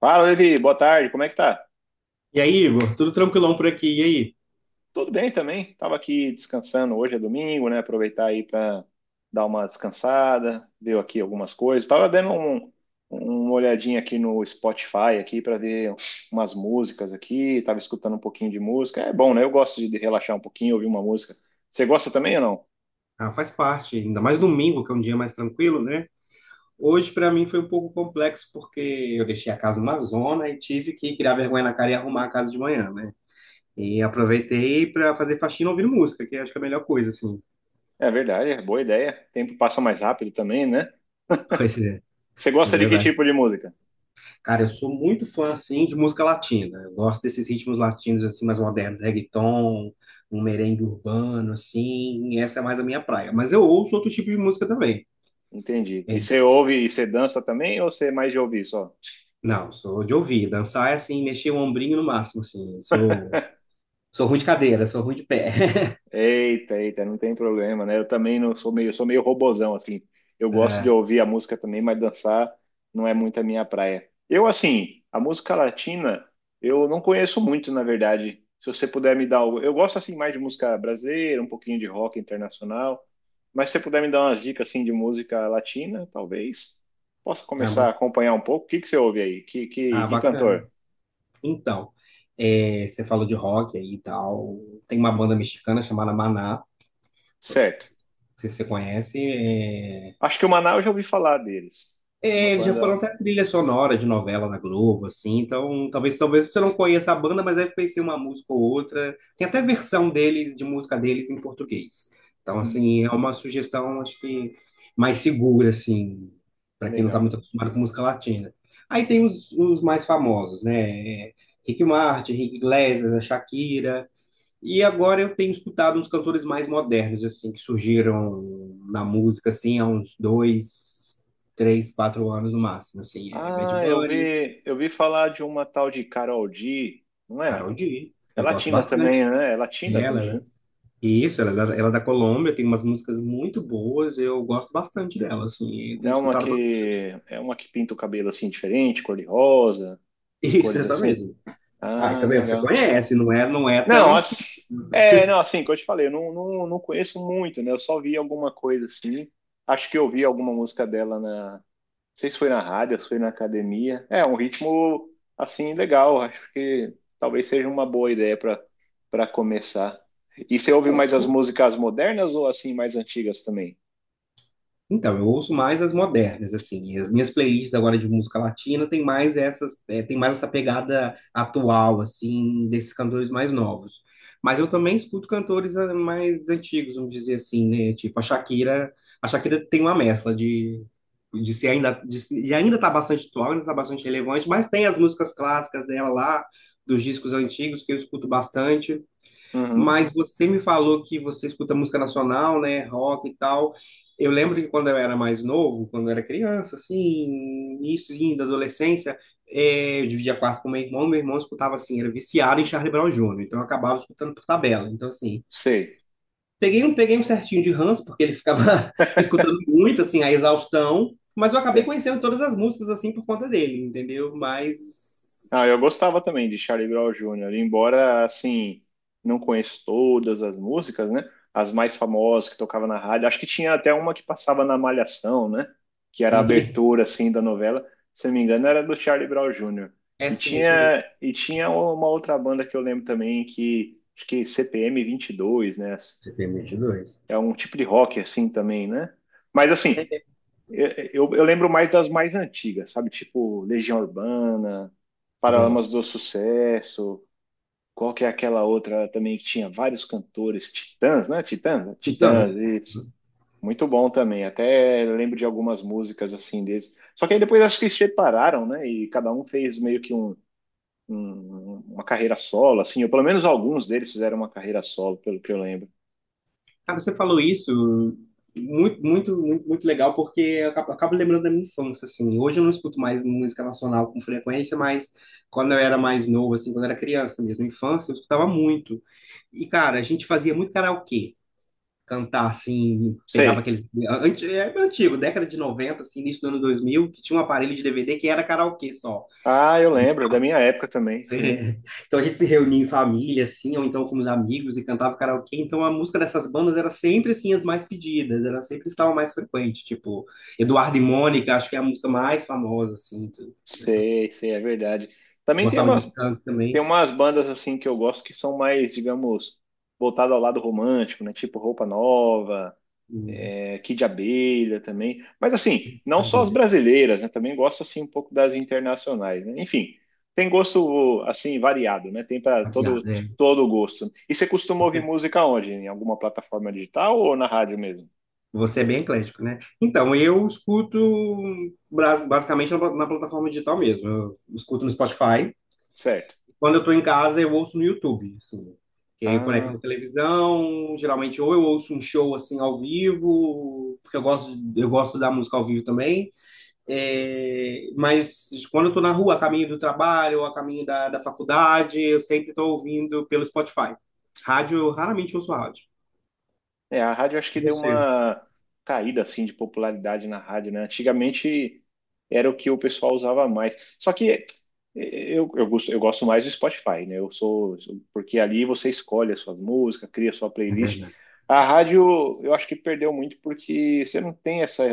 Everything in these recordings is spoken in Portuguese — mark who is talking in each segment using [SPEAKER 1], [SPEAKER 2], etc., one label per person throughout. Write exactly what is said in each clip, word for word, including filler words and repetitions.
[SPEAKER 1] Fala, Levi, boa tarde, como é que tá?
[SPEAKER 2] E aí, Igor, tudo tranquilão por aqui? E aí?
[SPEAKER 1] Tudo bem também, tava aqui descansando, hoje é domingo, né, aproveitar aí para dar uma descansada, ver aqui algumas coisas, tava dando um- uma olhadinha aqui no Spotify aqui para ver umas músicas aqui, tava escutando um pouquinho de música, é bom, né, eu gosto de relaxar um pouquinho, ouvir uma música. Você gosta também ou não?
[SPEAKER 2] Ah, faz parte, ainda mais domingo, que é um dia mais tranquilo, né? Hoje, para mim, foi um pouco complexo, porque eu deixei a casa uma zona e tive que criar vergonha na cara e arrumar a casa de manhã, né? E aproveitei para fazer faxina ouvindo música, que acho que é a melhor coisa, assim.
[SPEAKER 1] É verdade, é boa ideia, o tempo passa mais rápido também, né?
[SPEAKER 2] Pois é,
[SPEAKER 1] Você
[SPEAKER 2] é
[SPEAKER 1] gosta de que
[SPEAKER 2] verdade.
[SPEAKER 1] tipo de música?
[SPEAKER 2] Cara, eu sou muito fã, assim, de música latina. Eu gosto desses ritmos latinos, assim, mais modernos, reggaeton, um merengue urbano, assim. Essa é mais a minha praia. Mas eu ouço outro tipo de música também.
[SPEAKER 1] Entendi.
[SPEAKER 2] É,
[SPEAKER 1] E você ouve e você dança também ou você é mais de ouvir só?
[SPEAKER 2] não, sou de ouvir. Dançar é assim, mexer o ombrinho no máximo, assim. Sou, sou ruim de cadeira, sou ruim de pé.
[SPEAKER 1] Eita, eita, não tem problema, né? Eu também não sou meio, eu sou meio robozão, assim. Eu gosto de
[SPEAKER 2] É.
[SPEAKER 1] ouvir a música também, mas dançar não é muito a minha praia. Eu, assim, a música latina, eu não conheço muito, na verdade. Se você puder me dar algo. Eu gosto, assim, mais de música brasileira, um pouquinho de rock internacional. Mas se você puder me dar umas dicas, assim, de música latina, talvez possa
[SPEAKER 2] Ah,
[SPEAKER 1] começar a
[SPEAKER 2] ba-
[SPEAKER 1] acompanhar um pouco. O que que você ouve aí? Que, que,
[SPEAKER 2] ah,
[SPEAKER 1] que
[SPEAKER 2] bacana.
[SPEAKER 1] cantor?
[SPEAKER 2] Então, é, você falou de rock aí e tal. Tem uma banda mexicana chamada Maná. Não
[SPEAKER 1] Certo.
[SPEAKER 2] sei se você conhece. É.
[SPEAKER 1] Acho que o Manaus eu já ouvi falar deles. É Uma
[SPEAKER 2] É, eles já foram
[SPEAKER 1] banda
[SPEAKER 2] até trilha sonora de novela da Globo, assim, então talvez talvez você não conheça a banda, mas deve conhecer uma música ou outra. Tem até versão deles, de música deles em português. Então,
[SPEAKER 1] hum,
[SPEAKER 2] assim, é uma sugestão, acho que mais segura, assim, para quem não está
[SPEAKER 1] legal.
[SPEAKER 2] muito acostumado com música latina. Aí tem os, os mais famosos, né? É, Rick Martin, Rick Iglesias, a Shakira. E agora eu tenho escutado uns cantores mais modernos, assim, que surgiram na música, assim, há uns dois, três, quatro anos no máximo, assim, é Bad
[SPEAKER 1] Ah, eu
[SPEAKER 2] Bunny,
[SPEAKER 1] vi, eu vi falar de uma tal de Karol G, não é?
[SPEAKER 2] Karol G,
[SPEAKER 1] É
[SPEAKER 2] eu gosto
[SPEAKER 1] latina
[SPEAKER 2] bastante
[SPEAKER 1] também, né? É latina
[SPEAKER 2] dela,
[SPEAKER 1] também,
[SPEAKER 2] né?
[SPEAKER 1] né?
[SPEAKER 2] Isso, ela, é da- ela é da Colômbia, tem umas músicas muito boas, eu gosto bastante dela, assim, eu tenho
[SPEAKER 1] É uma
[SPEAKER 2] escutado. ba-
[SPEAKER 1] que é uma que pinta o cabelo assim diferente, cor de rosa, as
[SPEAKER 2] Isso,
[SPEAKER 1] cores
[SPEAKER 2] essa
[SPEAKER 1] assim.
[SPEAKER 2] mesmo. Ah,
[SPEAKER 1] Ah,
[SPEAKER 2] tá vendo? Você
[SPEAKER 1] legal.
[SPEAKER 2] conhece, não é, não é tão
[SPEAKER 1] Não,
[SPEAKER 2] assim.
[SPEAKER 1] as, é, não, assim, que eu te falei, eu não, não, não conheço muito, né? Eu só vi alguma coisa assim. Acho que eu vi alguma música dela sei se foi na rádio, se foi na academia. É um ritmo assim legal, acho que talvez seja uma boa ideia para para começar. E você ouve
[SPEAKER 2] É.
[SPEAKER 1] mais as músicas modernas ou assim mais antigas também?
[SPEAKER 2] Então, eu ouço mais as modernas, assim. E as minhas playlists agora de música latina tem mais essas, eh, tem mais essa pegada atual, assim, desses cantores mais novos. Mas eu também escuto cantores ah, mais antigos, vamos dizer assim, né? Tipo, a Shakira, a Shakira tem uma mescla de, de ser ainda, de, se- de ainda tá bastante atual, ainda tá bastante relevante, mas tem as músicas clássicas dela lá, dos discos antigos que eu escuto bastante.
[SPEAKER 1] Uhum,
[SPEAKER 2] Mas você me falou que você escuta música nacional, né, rock e tal. Eu lembro que quando eu era mais novo, quando eu era criança, assim, início da adolescência, eh, eu dividia quarto com meu irmão, meu irmão escutava assim, era viciado em Charlie Brown Júnior, então eu acabava escutando por tabela. Então, assim,
[SPEAKER 1] sei,
[SPEAKER 2] peguei um, peguei um certinho de ranço, porque ele ficava escutando muito, assim, a exaustão, mas eu acabei
[SPEAKER 1] sei.
[SPEAKER 2] conhecendo todas as músicas, assim, por conta dele, entendeu? Mas,
[SPEAKER 1] Ah, eu gostava também de Charlie Brown Júnior. embora, assim, não conheço todas as músicas, né? As mais famosas que tocava na rádio. Acho que tinha até uma que passava na Malhação, né? Que era a
[SPEAKER 2] sim,
[SPEAKER 1] abertura, assim, da novela. Se não me engano, era do Charlie Brown Júnior.
[SPEAKER 2] é
[SPEAKER 1] E
[SPEAKER 2] assim, é isso mesmo.
[SPEAKER 1] tinha, e tinha uma outra banda que eu lembro também, que acho que C P M vinte e dois, né?
[SPEAKER 2] C P M vinte e dois.
[SPEAKER 1] É um tipo de rock, assim, também, né? Mas, assim, eu, eu lembro mais das mais antigas, sabe? Tipo Legião Urbana, Paralamas
[SPEAKER 2] Gosto.
[SPEAKER 1] do Sucesso, qual que é aquela outra também que tinha vários cantores, Titãs, né? Titãs? Né? Titãs,
[SPEAKER 2] Titãs.
[SPEAKER 1] isso. Muito bom também. Até lembro de algumas músicas assim deles. Só que aí depois acho que eles separaram, né? E cada um fez meio que um, um- uma carreira solo, assim, ou pelo menos alguns deles fizeram uma carreira solo, pelo que eu lembro.
[SPEAKER 2] Cara, você falou isso muito, muito, muito, muito legal, porque eu acabo, acabo lembrando da minha infância, assim. Hoje eu não escuto mais música nacional com frequência, mas quando eu era mais novo, assim, quando eu era criança mesmo, infância, eu escutava muito. E, cara, a gente fazia muito karaokê. Cantar, assim, pegava
[SPEAKER 1] Sei.
[SPEAKER 2] aqueles. anti- É antigo, década de noventa assim, início do ano dois mil que tinha um aparelho de D V D que era karaokê só.
[SPEAKER 1] Ah, eu lembro, da minha época também, sim.
[SPEAKER 2] É. Então a gente se reunia em família, assim, ou então com os amigos e cantava karaokê. Então a música dessas bandas era sempre, assim, as mais pedidas, era sempre estava mais frequente. Tipo, Eduardo e Mônica, acho que é a música mais famosa, assim. Tu- né?
[SPEAKER 1] Sei, sei, é verdade. Também tem
[SPEAKER 2] Gostava
[SPEAKER 1] uma
[SPEAKER 2] de canto
[SPEAKER 1] Tem
[SPEAKER 2] também.
[SPEAKER 1] umas bandas assim que eu gosto que são mais, digamos, voltadas ao lado romântico, né? Tipo Roupa Nova,
[SPEAKER 2] Hum.
[SPEAKER 1] é, Kid Abelha também. Mas assim, não só as
[SPEAKER 2] Sabia.
[SPEAKER 1] brasileiras, né? Também gosto assim um pouco das internacionais, né? Enfim, tem gosto assim variado, né? Tem para
[SPEAKER 2] Variado,
[SPEAKER 1] todo
[SPEAKER 2] é.
[SPEAKER 1] todo gosto. E você costuma ouvir
[SPEAKER 2] Você,
[SPEAKER 1] música onde? Em alguma plataforma digital ou na rádio mesmo?
[SPEAKER 2] você é bem eclético, né? Então, eu escuto bras- basicamente na, pla- na plataforma digital mesmo. Eu escuto no Spotify.
[SPEAKER 1] Certo.
[SPEAKER 2] Quando eu estou em casa, eu ouço no YouTube, assim. Que aí eu conecto na
[SPEAKER 1] Ah,
[SPEAKER 2] televisão, geralmente ou eu ouço um show assim ao vivo, porque eu gosto, eu gosto da música ao vivo também. É, mas quando eu tô na rua, a caminho do trabalho, ou a caminho da, da faculdade, eu sempre estou ouvindo pelo Spotify. Rádio, eu raramente ouço rádio.
[SPEAKER 1] é, a rádio acho que deu
[SPEAKER 2] Você.
[SPEAKER 1] uma caída assim de popularidade na rádio, né? Antigamente era o que o pessoal usava mais. Só que eh, eu, eu gosto, eu gosto mais do Spotify, né? Eu sou, sou- porque ali você escolhe a sua música, cria a sua
[SPEAKER 2] É
[SPEAKER 1] playlist.
[SPEAKER 2] verdade.
[SPEAKER 1] A rádio eu acho que perdeu muito porque você não tem essa,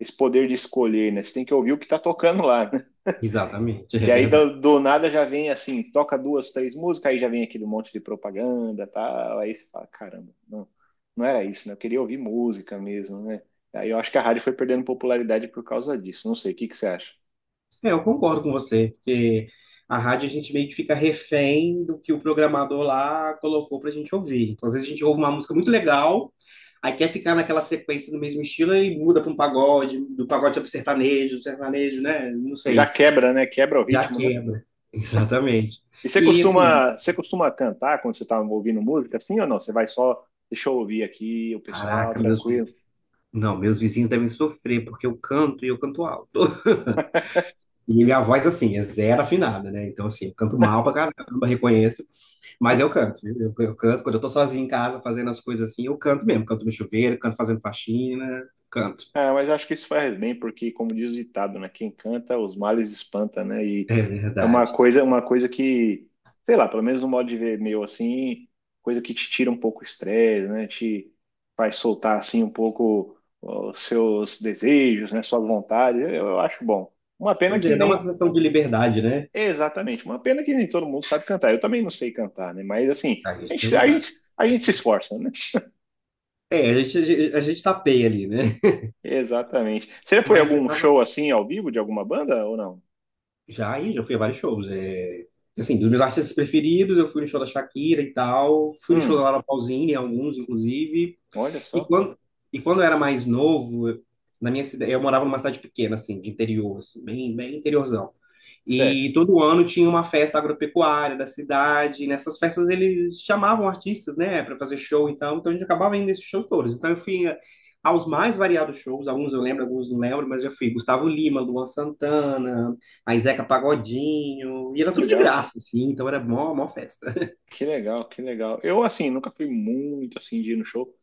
[SPEAKER 1] esse poder de escolher, né? Você tem que ouvir o que está tocando lá.
[SPEAKER 2] Exatamente,
[SPEAKER 1] E
[SPEAKER 2] é
[SPEAKER 1] aí
[SPEAKER 2] verdade.
[SPEAKER 1] do, do nada já vem assim, toca duas, três músicas, aí já vem aquele monte de propaganda, tal, aí você fala, caramba, não, não era isso, né? Eu queria ouvir música mesmo, né? Aí eu acho que a rádio foi perdendo popularidade por causa disso. Não sei, o que que você acha?
[SPEAKER 2] É, eu concordo com você, porque a rádio a gente meio que fica refém do que o programador lá colocou pra gente ouvir. Então, às vezes a gente ouve uma música muito legal, aí quer ficar naquela sequência do mesmo estilo e muda para um pagode, do pagode para sertanejo, do sertanejo, né? Não
[SPEAKER 1] Já
[SPEAKER 2] sei,
[SPEAKER 1] quebra, né? Quebra o
[SPEAKER 2] já
[SPEAKER 1] ritmo, né?
[SPEAKER 2] quebra. Exatamente.
[SPEAKER 1] E você
[SPEAKER 2] E assim,
[SPEAKER 1] costuma, você costuma cantar quando você tá ouvindo música assim ou não? Você vai só, deixa eu ouvir aqui o pessoal,
[SPEAKER 2] caraca, meus
[SPEAKER 1] tranquilo.
[SPEAKER 2] vizinhos. Não, meus vizinhos devem sofrer, porque eu canto e eu canto alto. E minha voz, assim, é zero afinada, né? Então, assim, eu canto mal pra caramba, reconheço. Mas eu canto, viu? Eu, eu canto. Quando eu tô sozinho em casa fazendo as coisas assim, eu canto mesmo. Canto no chuveiro, canto fazendo faxina, canto.
[SPEAKER 1] Ah, mas acho que isso faz bem, porque, como diz o ditado, né? Quem canta, os males espanta, né? E
[SPEAKER 2] É
[SPEAKER 1] é uma
[SPEAKER 2] verdade.
[SPEAKER 1] coisa, uma coisa que, sei lá, pelo menos no modo de ver meu, assim, coisa que te tira um pouco o estresse, né? Te faz soltar, assim, um pouco os seus desejos, né? Suas vontades. Eu, eu acho bom. Uma pena
[SPEAKER 2] Pois
[SPEAKER 1] que
[SPEAKER 2] é, dá uma
[SPEAKER 1] nem...
[SPEAKER 2] sensação de liberdade, né?
[SPEAKER 1] Exatamente, uma pena que nem todo mundo sabe cantar. Eu também não sei cantar, né? Mas, assim,
[SPEAKER 2] A
[SPEAKER 1] a
[SPEAKER 2] gente
[SPEAKER 1] gente,
[SPEAKER 2] não
[SPEAKER 1] a
[SPEAKER 2] dá.
[SPEAKER 1] gente, a gente se esforça, né?
[SPEAKER 2] É, a gente, a gente, a gente tapeia ali, né?
[SPEAKER 1] Exatamente. Você já foi a
[SPEAKER 2] Mas você
[SPEAKER 1] algum
[SPEAKER 2] tava.
[SPEAKER 1] show, assim, ao vivo, de alguma banda ou não?
[SPEAKER 2] Já aí, já fui a vários shows. É. Assim, dos meus artistas preferidos, eu fui no show da Shakira e tal. Fui no show da
[SPEAKER 1] Hum.
[SPEAKER 2] Laura Pausini, alguns, inclusive.
[SPEAKER 1] Olha
[SPEAKER 2] E
[SPEAKER 1] só.
[SPEAKER 2] quando, e quando eu era mais novo, eu- na minha cidade, eu morava numa cidade pequena, assim, de interior, assim, bem, bem interiorzão.
[SPEAKER 1] Sério.
[SPEAKER 2] E todo ano tinha uma festa agropecuária da cidade. E nessas festas eles chamavam artistas, né, para fazer show, então, então a gente acabava indo nesses shows todos. Então eu fui a- aos mais variados shows, alguns eu lembro, alguns não lembro, mas eu fui Gustavo Lima, Luan Santana, a Zeca Pagodinho, e era tudo de
[SPEAKER 1] Legal.
[SPEAKER 2] graça, assim, então era mó, mó festa.
[SPEAKER 1] Que legal, que legal. Eu, assim, nunca fui muito, assim, de ir no show,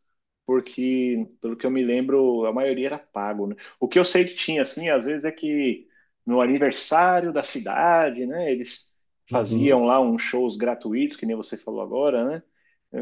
[SPEAKER 1] porque, pelo que eu me lembro, a maioria era pago, né? O que eu sei que tinha, assim, às vezes é que no aniversário da cidade, né, eles
[SPEAKER 2] Uhum.
[SPEAKER 1] faziam lá uns shows gratuitos, que nem você falou agora, né?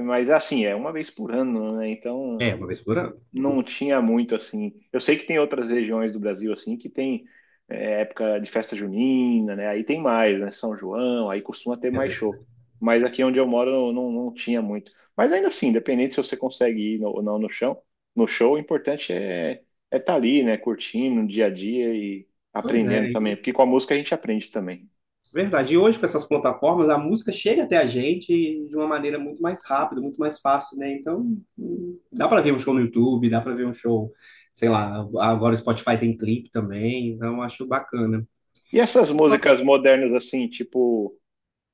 [SPEAKER 1] Mas, assim, é uma vez por ano, né? Então,
[SPEAKER 2] É, uma vez por ano.
[SPEAKER 1] não tinha muito assim. Eu sei que tem outras regiões do Brasil assim que tem é, época de festa junina, né? Aí tem mais, né? São João, aí costuma ter
[SPEAKER 2] É,
[SPEAKER 1] mais
[SPEAKER 2] né?
[SPEAKER 1] show. Mas aqui onde eu moro não, não tinha muito. Mas ainda assim, independente se você consegue ir no- ou não no chão, no show, o importante é é estar ali, né? Curtindo no dia a dia e
[SPEAKER 2] Pois
[SPEAKER 1] aprendendo
[SPEAKER 2] é,
[SPEAKER 1] também, porque com a música a gente aprende também.
[SPEAKER 2] verdade. E hoje, com essas plataformas, a música chega até a gente de uma maneira muito mais rápida, muito mais fácil, né? Então, hum, dá para ver um show no YouTube, dá para ver um show, sei lá, agora o Spotify tem clipe também, então acho bacana.
[SPEAKER 1] E essas músicas modernas assim, tipo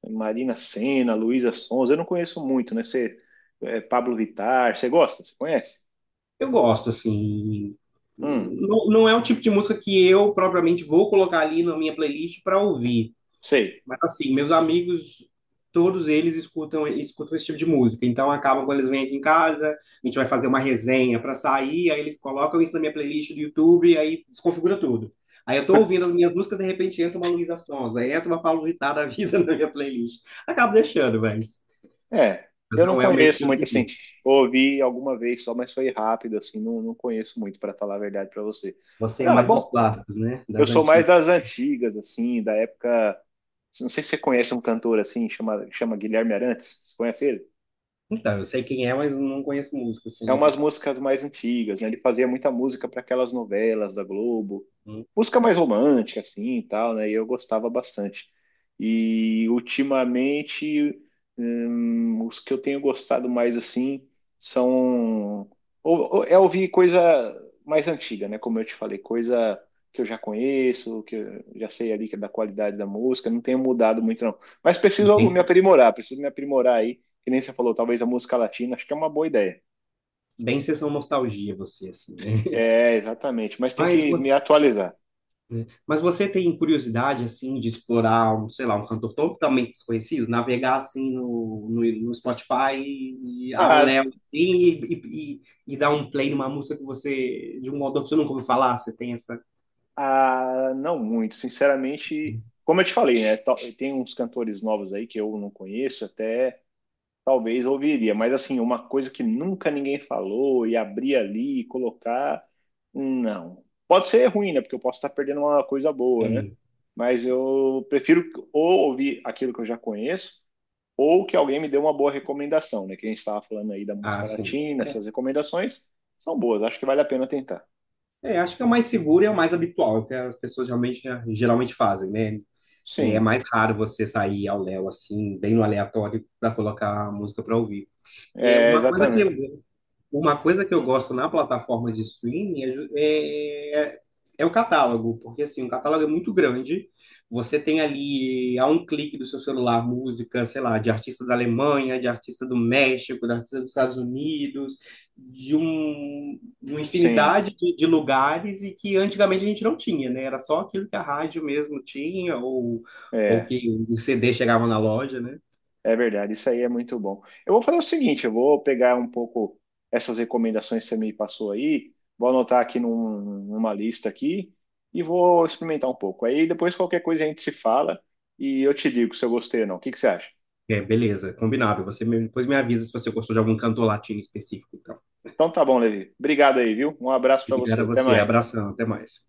[SPEAKER 1] Marina Sena, Luísa Sonza, eu não conheço muito, né? Você, é, Pablo Vittar, você gosta? Você conhece?
[SPEAKER 2] Eu gosto, assim.
[SPEAKER 1] Hum,
[SPEAKER 2] Não, não é o tipo de música que eu propriamente vou colocar ali na minha playlist para ouvir.
[SPEAKER 1] sei.
[SPEAKER 2] Mas assim, meus amigos, todos eles escutam, escutam esse tipo de música. Então acabam quando eles vêm aqui em casa, a gente vai fazer uma resenha para sair, aí eles colocam isso na minha playlist do YouTube, aí desconfigura tudo. Aí eu tô ouvindo as minhas músicas, de repente entra uma Luísa Sonza, aí entra uma Paulo Vittar da vida na minha playlist. Acabo deixando, mas,
[SPEAKER 1] É,
[SPEAKER 2] mas
[SPEAKER 1] eu não
[SPEAKER 2] não é o meu
[SPEAKER 1] conheço
[SPEAKER 2] estilo
[SPEAKER 1] muito
[SPEAKER 2] de
[SPEAKER 1] assim.
[SPEAKER 2] música.
[SPEAKER 1] Ouvi alguma vez só, mas foi rápido, assim, não, não conheço muito, para falar a verdade para você.
[SPEAKER 2] Você
[SPEAKER 1] Mas,
[SPEAKER 2] é
[SPEAKER 1] ah,
[SPEAKER 2] mais dos
[SPEAKER 1] bom,
[SPEAKER 2] clássicos, né?
[SPEAKER 1] eu
[SPEAKER 2] Das
[SPEAKER 1] sou mais
[SPEAKER 2] antigas.
[SPEAKER 1] das antigas, assim, da época. Não sei se você conhece um cantor assim, chama, chama Guilherme Arantes. Você conhece ele?
[SPEAKER 2] Então, eu sei quem é, mas não conheço música,
[SPEAKER 1] é umas
[SPEAKER 2] assim.
[SPEAKER 1] músicas mais antigas, né? Ele fazia muita música para aquelas novelas da Globo, música mais romântica, assim, e tal, né? E eu gostava bastante. E ultimamente, hum, os que eu tenho gostado mais, assim, são... Ou, ou- é ouvir coisa mais antiga, né? Como eu te falei, coisa que eu já conheço, que eu já sei ali que é da qualidade da música, não tenho mudado muito, não. Mas preciso
[SPEAKER 2] Bem,
[SPEAKER 1] me aprimorar, preciso me aprimorar aí, que nem você falou, talvez a música latina, acho que é uma boa ideia.
[SPEAKER 2] bem sessão nostalgia você, assim, né?
[SPEAKER 1] É, exatamente. Mas tem
[SPEAKER 2] Mas
[SPEAKER 1] que me
[SPEAKER 2] você
[SPEAKER 1] atualizar.
[SPEAKER 2] Mas você tem curiosidade, assim, de explorar, um, sei lá, um cantor totalmente desconhecido? Navegar, assim, no, no, no Spotify, e, ao léu,
[SPEAKER 1] Ah,
[SPEAKER 2] assim, e, e, e, e dar um play numa música que você, de um modo que você nunca ouviu falar? Você tem essa.
[SPEAKER 1] ah, não muito. Sinceramente, como eu te falei, né? tal- Tem uns cantores novos aí que eu não conheço, até talvez ouviria. Mas assim, uma coisa que nunca ninguém falou e abrir ali e colocar, hum, não. Pode ser ruim, né? Porque eu posso estar perdendo uma coisa boa,
[SPEAKER 2] É,
[SPEAKER 1] né? Mas eu prefiro ou ouvir aquilo que eu já conheço ou que alguém me deu uma boa recomendação, né? Que a gente estava falando aí da
[SPEAKER 2] ah,
[SPEAKER 1] música
[SPEAKER 2] sim.
[SPEAKER 1] latina,
[SPEAKER 2] É,
[SPEAKER 1] essas recomendações são boas, acho que vale a pena tentar.
[SPEAKER 2] é, acho que é o mais seguro e é o mais habitual, é o que as pessoas realmente, geralmente fazem, né? É é
[SPEAKER 1] Sim,
[SPEAKER 2] mais raro você sair ao léu, assim, bem no aleatório, para colocar a música para ouvir. É
[SPEAKER 1] é,
[SPEAKER 2] uma coisa que eu
[SPEAKER 1] exatamente.
[SPEAKER 2] Uma coisa que eu gosto na plataforma de streaming é, ju- é, é é o catálogo, porque assim, o catálogo é muito grande. Você tem ali, a um clique do seu celular, música, sei lá, de artista da Alemanha, de artista do México, de artista dos Estados Unidos, de, um, de uma
[SPEAKER 1] Sim,
[SPEAKER 2] infinidade de, de lugares e que antigamente a gente não tinha, né? Era só aquilo que a rádio mesmo tinha, ou, ou
[SPEAKER 1] é,
[SPEAKER 2] que o C D chegava na loja, né?
[SPEAKER 1] é verdade, isso aí é muito bom. Eu vou fazer o seguinte, eu vou pegar um pouco essas recomendações que você me passou aí, vou anotar aqui num- numa lista aqui e vou experimentar um pouco. Aí depois qualquer coisa a gente se fala e eu te digo se eu gostei ou não. O que que você acha?
[SPEAKER 2] É, beleza, combinado. Você me- depois me avisa se você gostou de algum cantor latino específico. Então.
[SPEAKER 1] Então tá bom, Levi. Obrigado aí, viu? Um abraço para
[SPEAKER 2] Obrigado
[SPEAKER 1] você.
[SPEAKER 2] a
[SPEAKER 1] Até
[SPEAKER 2] você.
[SPEAKER 1] mais.
[SPEAKER 2] Abração. Até mais.